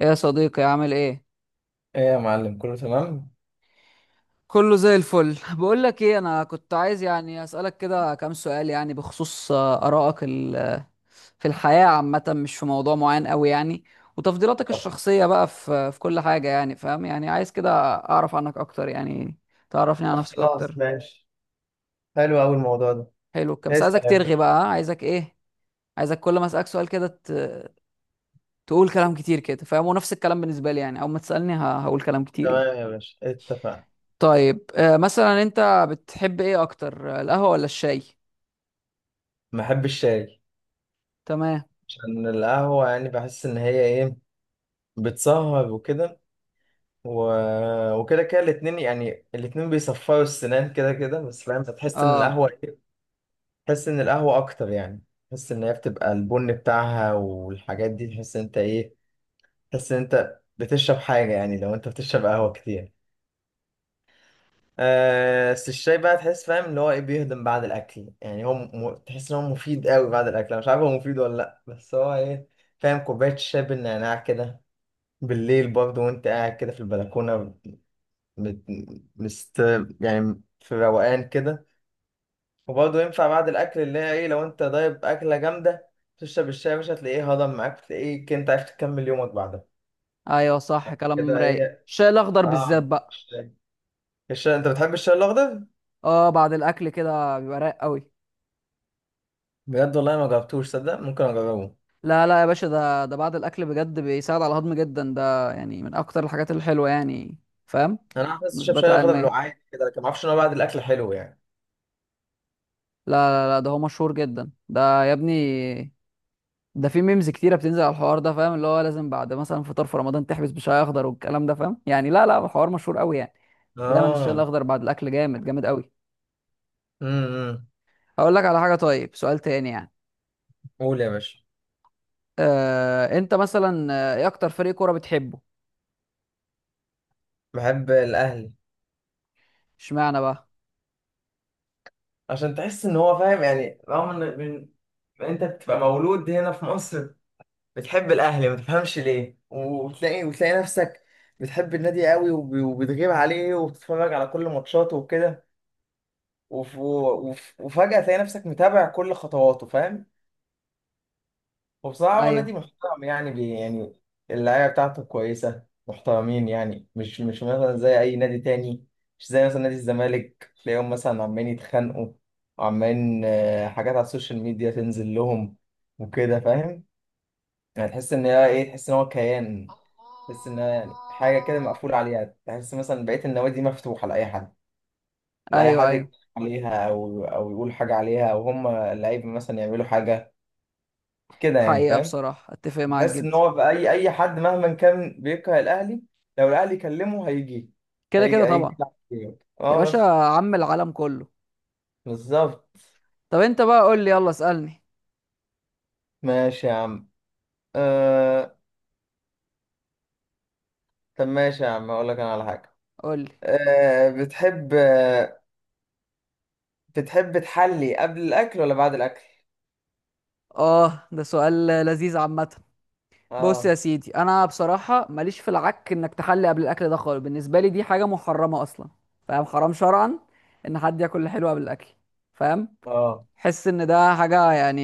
ايه يا صديقي، عامل ايه؟ ايه يا معلم، كله تمام. كله زي الفل بقول لك ايه، انا كنت عايز يعني اسالك كده كام سؤال يعني بخصوص ارائك في الحياه عامه، مش في موضوع معين قوي يعني. وتفضيلاتك طب الشخصيه بقى في كل حاجه يعني، فاهم يعني، عايز كده اعرف عنك اكتر يعني، تعرفني على نفسك خلاص اكتر. ماشي. حلو أوي الموضوع ده. حلو كده، بس عايزك اسأل يا ترغي باشا. بقى، ها؟ عايزك ايه، عايزك كل ما اسالك سؤال كده تقول كلام كتير كده، فاهم. ونفس الكلام بالنسبه لي يعني، اول ما تسالني هقول كلام كتير يعني. تمام يا باشا، اتفقنا. طيب، مثلا انت بتحب ايه اكتر، القهوة ولا الشاي؟ بحب الشاي. تمام. عشان القهوة يعني بحس ان هي ايه، بتسهر وكده و... وكده كده الاتنين، يعني الاتنين بيصفروا السنان كده كده، بس فاهم بتحس ان اه، القهوة ايه، تحس ان القهوة اكتر يعني. تحس ان هي بتبقى البن بتاعها والحاجات دي، تحس ان انت ايه، تحس ان انت بتشرب حاجة يعني لو انت بتشرب قهوة كتير. بس الشاي بقى تحس فاهم اللي هو ايه، بيهضم بعد الاكل يعني. تحس ان هو مفيد قوي بعد الاكل. انا مش عارف هو مفيد ولا لا، بس هو ايه، فاهم، كوبايه الشاي بالنعناع كده بالليل برضه وانت قاعد كده في البلكونه، مت... مست يعني في روقان كده. وبرضه ينفع بعد الاكل، اللي هي ايه، لو انت ضايب اكله جامده تشرب الشاي مش هتلاقيه هضم معاك، تلاقيك انت عرفت تكمل يومك بعدها. ايوه صح، كلام كده رايق. ايه، الشاي الاخضر بالذات اه بقى. الشاي، انت بتحب الشاي الاخضر. اه بعد الاكل كده بيبقى رايق قوي. بجد والله ما جربتوش، صدق ممكن اجربه. لا لا يا باشا، ده بعد الاكل بجد بيساعد على الهضم جدا، ده يعني من اكتر الحاجات الحلوة يعني، فاهم. انا عارف، بس اشرب شاي مثبتة واخدها علميا. بالوعاء كده، لكن ما اعرفش ان هو بعد الاكل حلو يعني. لا لا لا، ده هو مشهور جدا ده يا ابني. ده في ميمز كتيره بتنزل على الحوار ده، فاهم، اللي هو لازم بعد مثلا فطار في رمضان تحبس بشاي اخضر والكلام ده، فاهم يعني، لا لا الحوار مشهور قوي يعني. دايما الشاي اه. الاخضر بعد الاكل جامد، جامد قوي. إمم. هقول لك على حاجه، طيب سؤال تاني يعني. قول يا باشا. انت مثلا، ايه اكتر فريق كوره بتحبه؟ بحب الاهلي. اشمعنى بقى؟ عشان تحس ان هو فاهم يعني، رغم ان انت بتبقى مولود هنا في مصر، بتحب الاهلي ما تفهمش ليه، وتلاقي وتلاقي نفسك بتحب النادي قوي، وبتغيب عليه وبتتفرج على كل ماتشاته وكده، وفجأة تلاقي نفسك متابع كل خطواته، فاهم. وبصراحة هو نادي ايوه محترم يعني، بي يعني اللعيبة بتاعته كويسة محترمين يعني، مش مثلا زي أي نادي تاني. مش زي مثلا نادي الزمالك، تلاقيهم مثلا عمالين يتخانقوا وعمالين حاجات على السوشيال ميديا تنزل لهم وكده، فاهم. يعني تحس إن هي إيه، تحس إن هو كيان، تحس إن هي يعني حاجة كده مقفولة عليها. تحس مثلا بقية النوادي مفتوحة لأي حد، لأي ايوه حد ايوه. يتكلم عليها أو أو يقول حاجة عليها، أو هم اللعيبة مثلا يعملوا حاجة كده يعني، حقيقه فاهم. بصراحه اتفق معاك تحس ان جدا. هو في اي اي حد مهما كان بيكره الاهلي، لو الاهلي كلمه هيجي، كده هيجي كده هيجي طبعا يلعب فيه. يا اه باشا، بس. عم العالم كله. بالظبط. طب انت بقى قول لي، يلا اسالني. ماشي يا عم. آه... طب ماشي يا عم اقول لك انا على حاجه. قول لي. بتحب بتحب تحلي قبل الاكل ولا بعد الاكل. اه، ده سؤال لذيذ عامه. بص اه. يا سيدي، انا بصراحه ماليش في العك، انك تحلي قبل الاكل ده خالص بالنسبه لي دي حاجه محرمه اصلا، فاهم. حرام شرعا ان حد ياكل الحلو قبل الاكل، فاهم. اه. حس ان ده حاجه يعني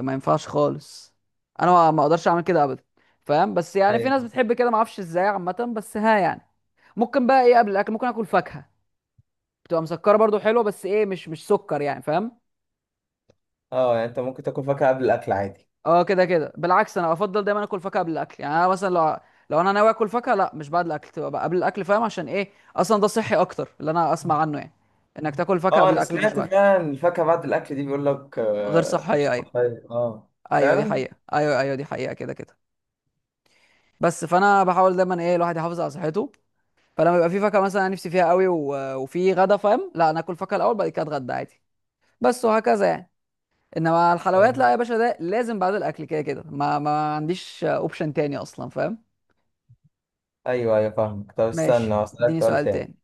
ما ينفعش خالص، انا ما اقدرش اعمل كده ابدا، فاهم. بس يعني في ايوه. ناس بتحب كده، ما اعرفش ازاي عامه، بس ها يعني. ممكن بقى ايه قبل الاكل، ممكن اكل فاكهه. بتبقى مسكره برضو، حلوه، بس ايه، مش سكر يعني، فاهم. اه يعني انت ممكن تاكل فاكهه قبل الاكل عادي. اه كده كده بالعكس، انا افضل دايما اكل فاكهه قبل الاكل. يعني انا مثلا لو انا ناوي اكل فاكهه، لا، مش بعد الاكل، تبقى بقى قبل الاكل، فاهم، عشان ايه، اصلا ده صحي اكتر اللي انا اسمع عنه يعني، انك تاكل فاكهه اه قبل انا الاكل مش سمعت بعد. فعلا، الفاكهه بعد الاكل دي بيقول لك غير مش صحيه، ايوه. صحيه، اه ايوه دي فعلا. حقيقه، ايوه ايوه دي حقيقه كده كده. بس فانا بحاول دايما ايه، الواحد يحافظ على صحته. فلما يبقى في فاكهه مثلا أنا نفسي فيها قوي وفي غدا، فاهم، لا انا اكل فاكهه الاول، بعد كده اتغدى عادي بس، وهكذا يعني. انما الحلويات أيوة. لا يا باشا، ده لازم بعد الاكل كده كده، ما عنديش اوبشن تاني اصلا، فاهم. ايوه ايوه فاهمك. طب استنى ماشي، هسألك اديني سؤال سؤال تاني. تاني.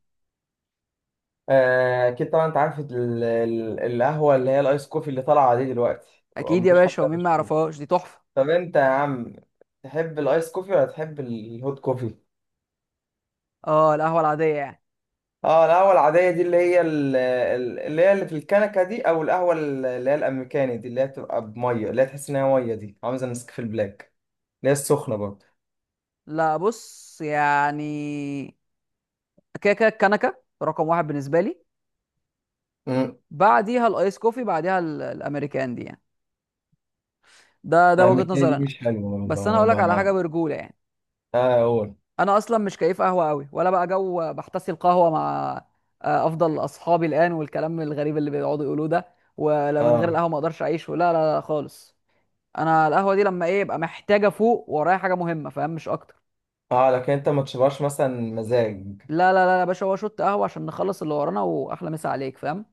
اكيد طبعا، انت عارف القهوه اللي هي الايس كوفي اللي طالعه دي دلوقتي اكيد يا ومفيش حد باشا، ومين ما مشروب. يعرفهاش، دي تحفه. طب انت يا عم تحب الايس كوفي ولا تحب الهوت كوفي؟ اه، القهوه العاديه يعني. اه القهوه العاديه دي، اللي هي اللي هي اللي في الكنكه دي، او القهوه اللي هي الامريكاني دي، اللي هي بتبقى بميه، اللي هي تحس ان هي ميه دي، عامله زي النسكافيه البلاك اللي هي السخنه برضه. لا، بص يعني، كده كده الكنكه رقم واحد بالنسبه لي. امم. بعديها الايس كوفي، بعديها الامريكان دي يعني. ده وجهه الامريكاني نظر دي انا. مش حلوه، بس انا والله هقول لك على حاجه ما-. برجوله يعني، اه قول. انا اصلا مش كيف قهوه قوي، ولا بقى جو بحتسي القهوه مع افضل اصحابي الان، والكلام الغريب اللي بيقعدوا يقولوه ده، ولا من غير اه. القهوه ما اقدرش اعيش، ولا لا لا خالص. انا القهوه دي لما ايه، يبقى محتاجه، فوق ورايا حاجه مهمه، فاهم، مش اكتر. اه لكن انت ما تشبهش مثلا مزاج. لا لا لا يا باشا، هو شوت قهوة عشان نخلص اللي ورانا وأحلى مسا عليك، فاهم.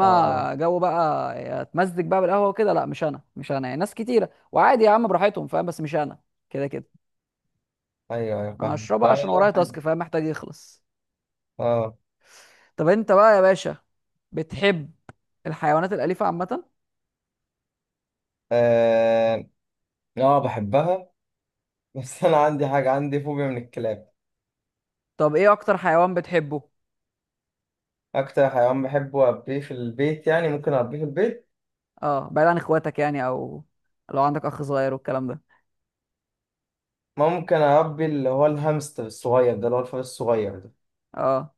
اه. جو بقى اتمزج بقى بالقهوة وكده، لا مش أنا، مش أنا يعني. ناس كتيرة وعادي يا عم براحتهم، فاهم، بس مش أنا كده كده. ايوه ايوه أنا فاهم هشربها عشان ورايا اه. تاسك، فاهم، محتاج يخلص. اه. طب أنت بقى يا باشا، بتحب الحيوانات الأليفة عامة؟ اه. بحبها. بس انا عندي حاجه، عندي فوبيا من الكلاب. طب إيه أكتر حيوان بتحبه؟ اكتر حيوان بحبه اربيه في البيت يعني، ممكن اربيه في البيت، أه بعيد عن إخواتك يعني، أو لو عندك أخ صغير والكلام ده. ممكن اربي اللي هو الهامستر الصغير ده، اللي هو الفار الصغير ده. أه.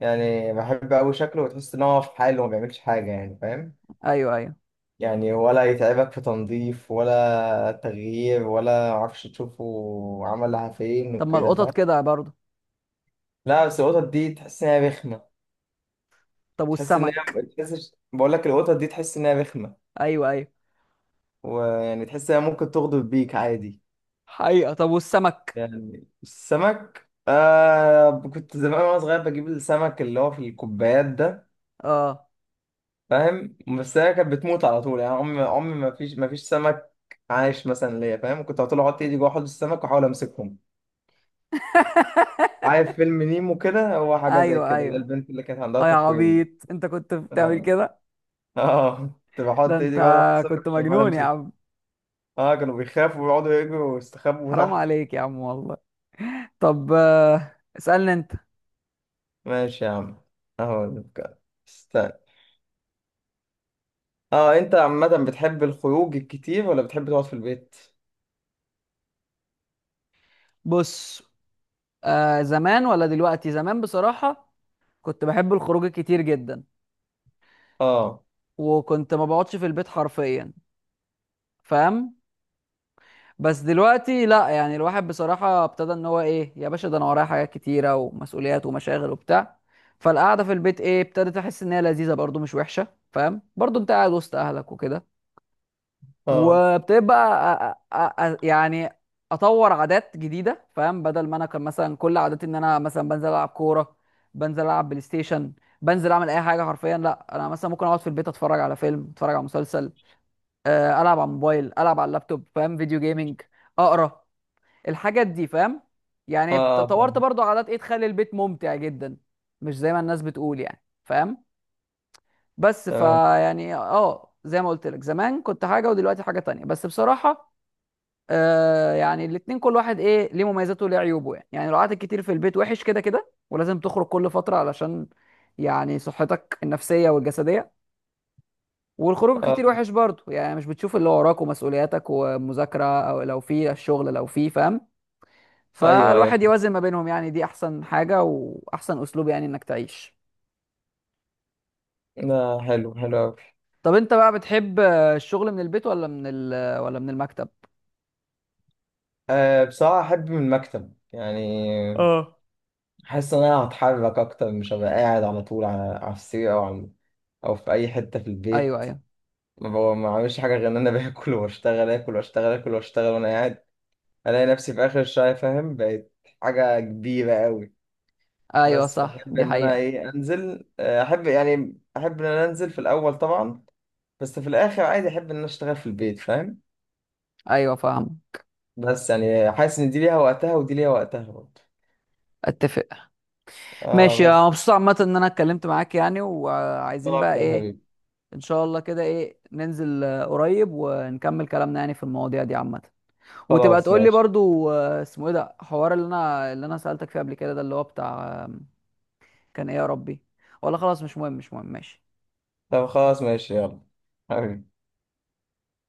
يعني بحب قوي شكله، وتحس ان هو في حاله وما بيعملش حاجه يعني، فاهم. أيوه أيوه. يعني ولا يتعبك في تنظيف ولا تغيير ولا معرفش تشوفه عملها فين طب ما وكده، القطط فاهم. كده برضه. لا بس القطط دي تحس انها رخمه. طب تحس ان هي، والسمك. تحس، بقول لك القطط دي تحس انها رخمه، أيوه أيوه. ويعني تحس انها ممكن تغدر بيك عادي. حقيقة، طب والسمك. يعني السمك آه، كنت زمان وانا صغير بجيب السمك اللي هو في الكوبايات ده، اه. فاهم. بس هي كانت بتموت على طول يعني، عمري ما فيش سمك عايش مثلا ليا، فاهم. كنت على طول احط ايدي جوه حوض السمك واحاول امسكهم. عارف فيلم نيمو كده، هو حاجه زي ايوه كده، اللي هي ايوه. البنت اللي كانت عندها اه يا تقويم. عبيط انت كنت بتعمل اه. كده؟ آه. كنت ده بحط انت ايدي جوه حوض السمك كنت عشان احاول مجنون يا امسك. عم. اه كانوا بيخافوا ويقعدوا يجروا ويستخبوا حرام تحت. عليك يا عم والله. طب، اسألني انت. ماشي يا عم. اهو ده بجد. استنى. اه انت عامة بتحب الخروج الكتير ولا بتحب تقعد في البيت؟ بص، زمان ولا دلوقتي؟ زمان بصراحة كنت بحب الخروج كتير جدا، اه. وكنت ما بقعدش في البيت حرفيا، فاهم. بس دلوقتي لا، يعني الواحد بصراحة ابتدى ان هو ايه يا باشا، ده انا ورايا حاجات كتيرة ومسؤوليات ومشاغل وبتاع، فالقعدة في البيت ايه، ابتدت احس ان هي لذيذة برضو، مش وحشة، فاهم، برضو انت قاعد وسط اهلك وكده. اه. وابتديت بقى يعني اطور عادات جديدة، فاهم. بدل ما انا كان مثلا كل عاداتي ان انا مثلا بنزل العب كورة، بنزل العب بلاي ستيشن، بنزل اعمل اي حاجة حرفيا، لا انا مثلا ممكن اقعد في البيت اتفرج على فيلم، اتفرج على مسلسل، العب على الموبايل، العب على اللابتوب، فاهم، فيديو جيمنج، اقرا، الحاجات دي، فاهم. اه. يعني اه طورت طبعا. برضو عادات ايه تخلي البيت ممتع جدا، مش زي ما الناس بتقول يعني، فاهم. بس تمام. فيعني اه زي ما قلت لك، زمان كنت حاجه ودلوقتي حاجه تانية بس بصراحه. يعني الاتنين كل واحد ايه ليه مميزاته وليه عيوبه يعني لو قعدت كتير في البيت وحش كده كده، ولازم تخرج كل فتره علشان يعني صحتك النفسيه والجسديه. والخروج كتير اه. وحش برضه يعني، مش بتشوف اللي وراك ومسؤولياتك ومذاكره، او لو في الشغل لو في، فاهم. ايوه ايوه. فالواحد يوازن ما بينهم يعني، دي احسن حاجة واحسن اسلوب يعني انك تعيش. لا حلو، حلو اوي. طب انت بقى بتحب، الشغل من البيت ولا من المكتب؟ آه بصراحة احب من المكتب يعني. اه حاسس ان انا هتحرك اكتر، مش هبقى قاعد على طول على, على السرير او على، او في اي حتة في ايوه، البيت. ايوه، ما بعملش حاجة غير ان انا باكل واشتغل، اكل واشتغل، اكل واشتغل وانا قاعد. الاقي نفسي في اخر الشهر، فاهم، بقت حاجه كبيره قوي. ايوه بس صح بحب دي ان انا حقيقة، ايه، انزل، احب يعني، احب ان انا انزل في الاول طبعا، بس في الاخر عادي احب ان انا اشتغل في البيت، فاهم. ايوه فاهم، بس يعني حاسس ان دي ليها وقتها ودي ليها وقتها برضه. اتفق. اه ماشي، أنا بس. مبسوط عامة ان انا اتكلمت معاك يعني، وعايزين طلع بقى اكتر يا ايه. حبيبي. ان شاء الله كده ايه، ننزل قريب ونكمل كلامنا يعني في المواضيع دي عامة. وتبقى خلاص تقول لي ماشي. برضو اسمه ايه ده، حوار اللي انا سألتك فيه قبل كده، ده اللي هو بتاع كان ايه يا ربي، ولا خلاص مش مهم مش مهم، ماشي. طب خلاص ماشي يلا حبيبي.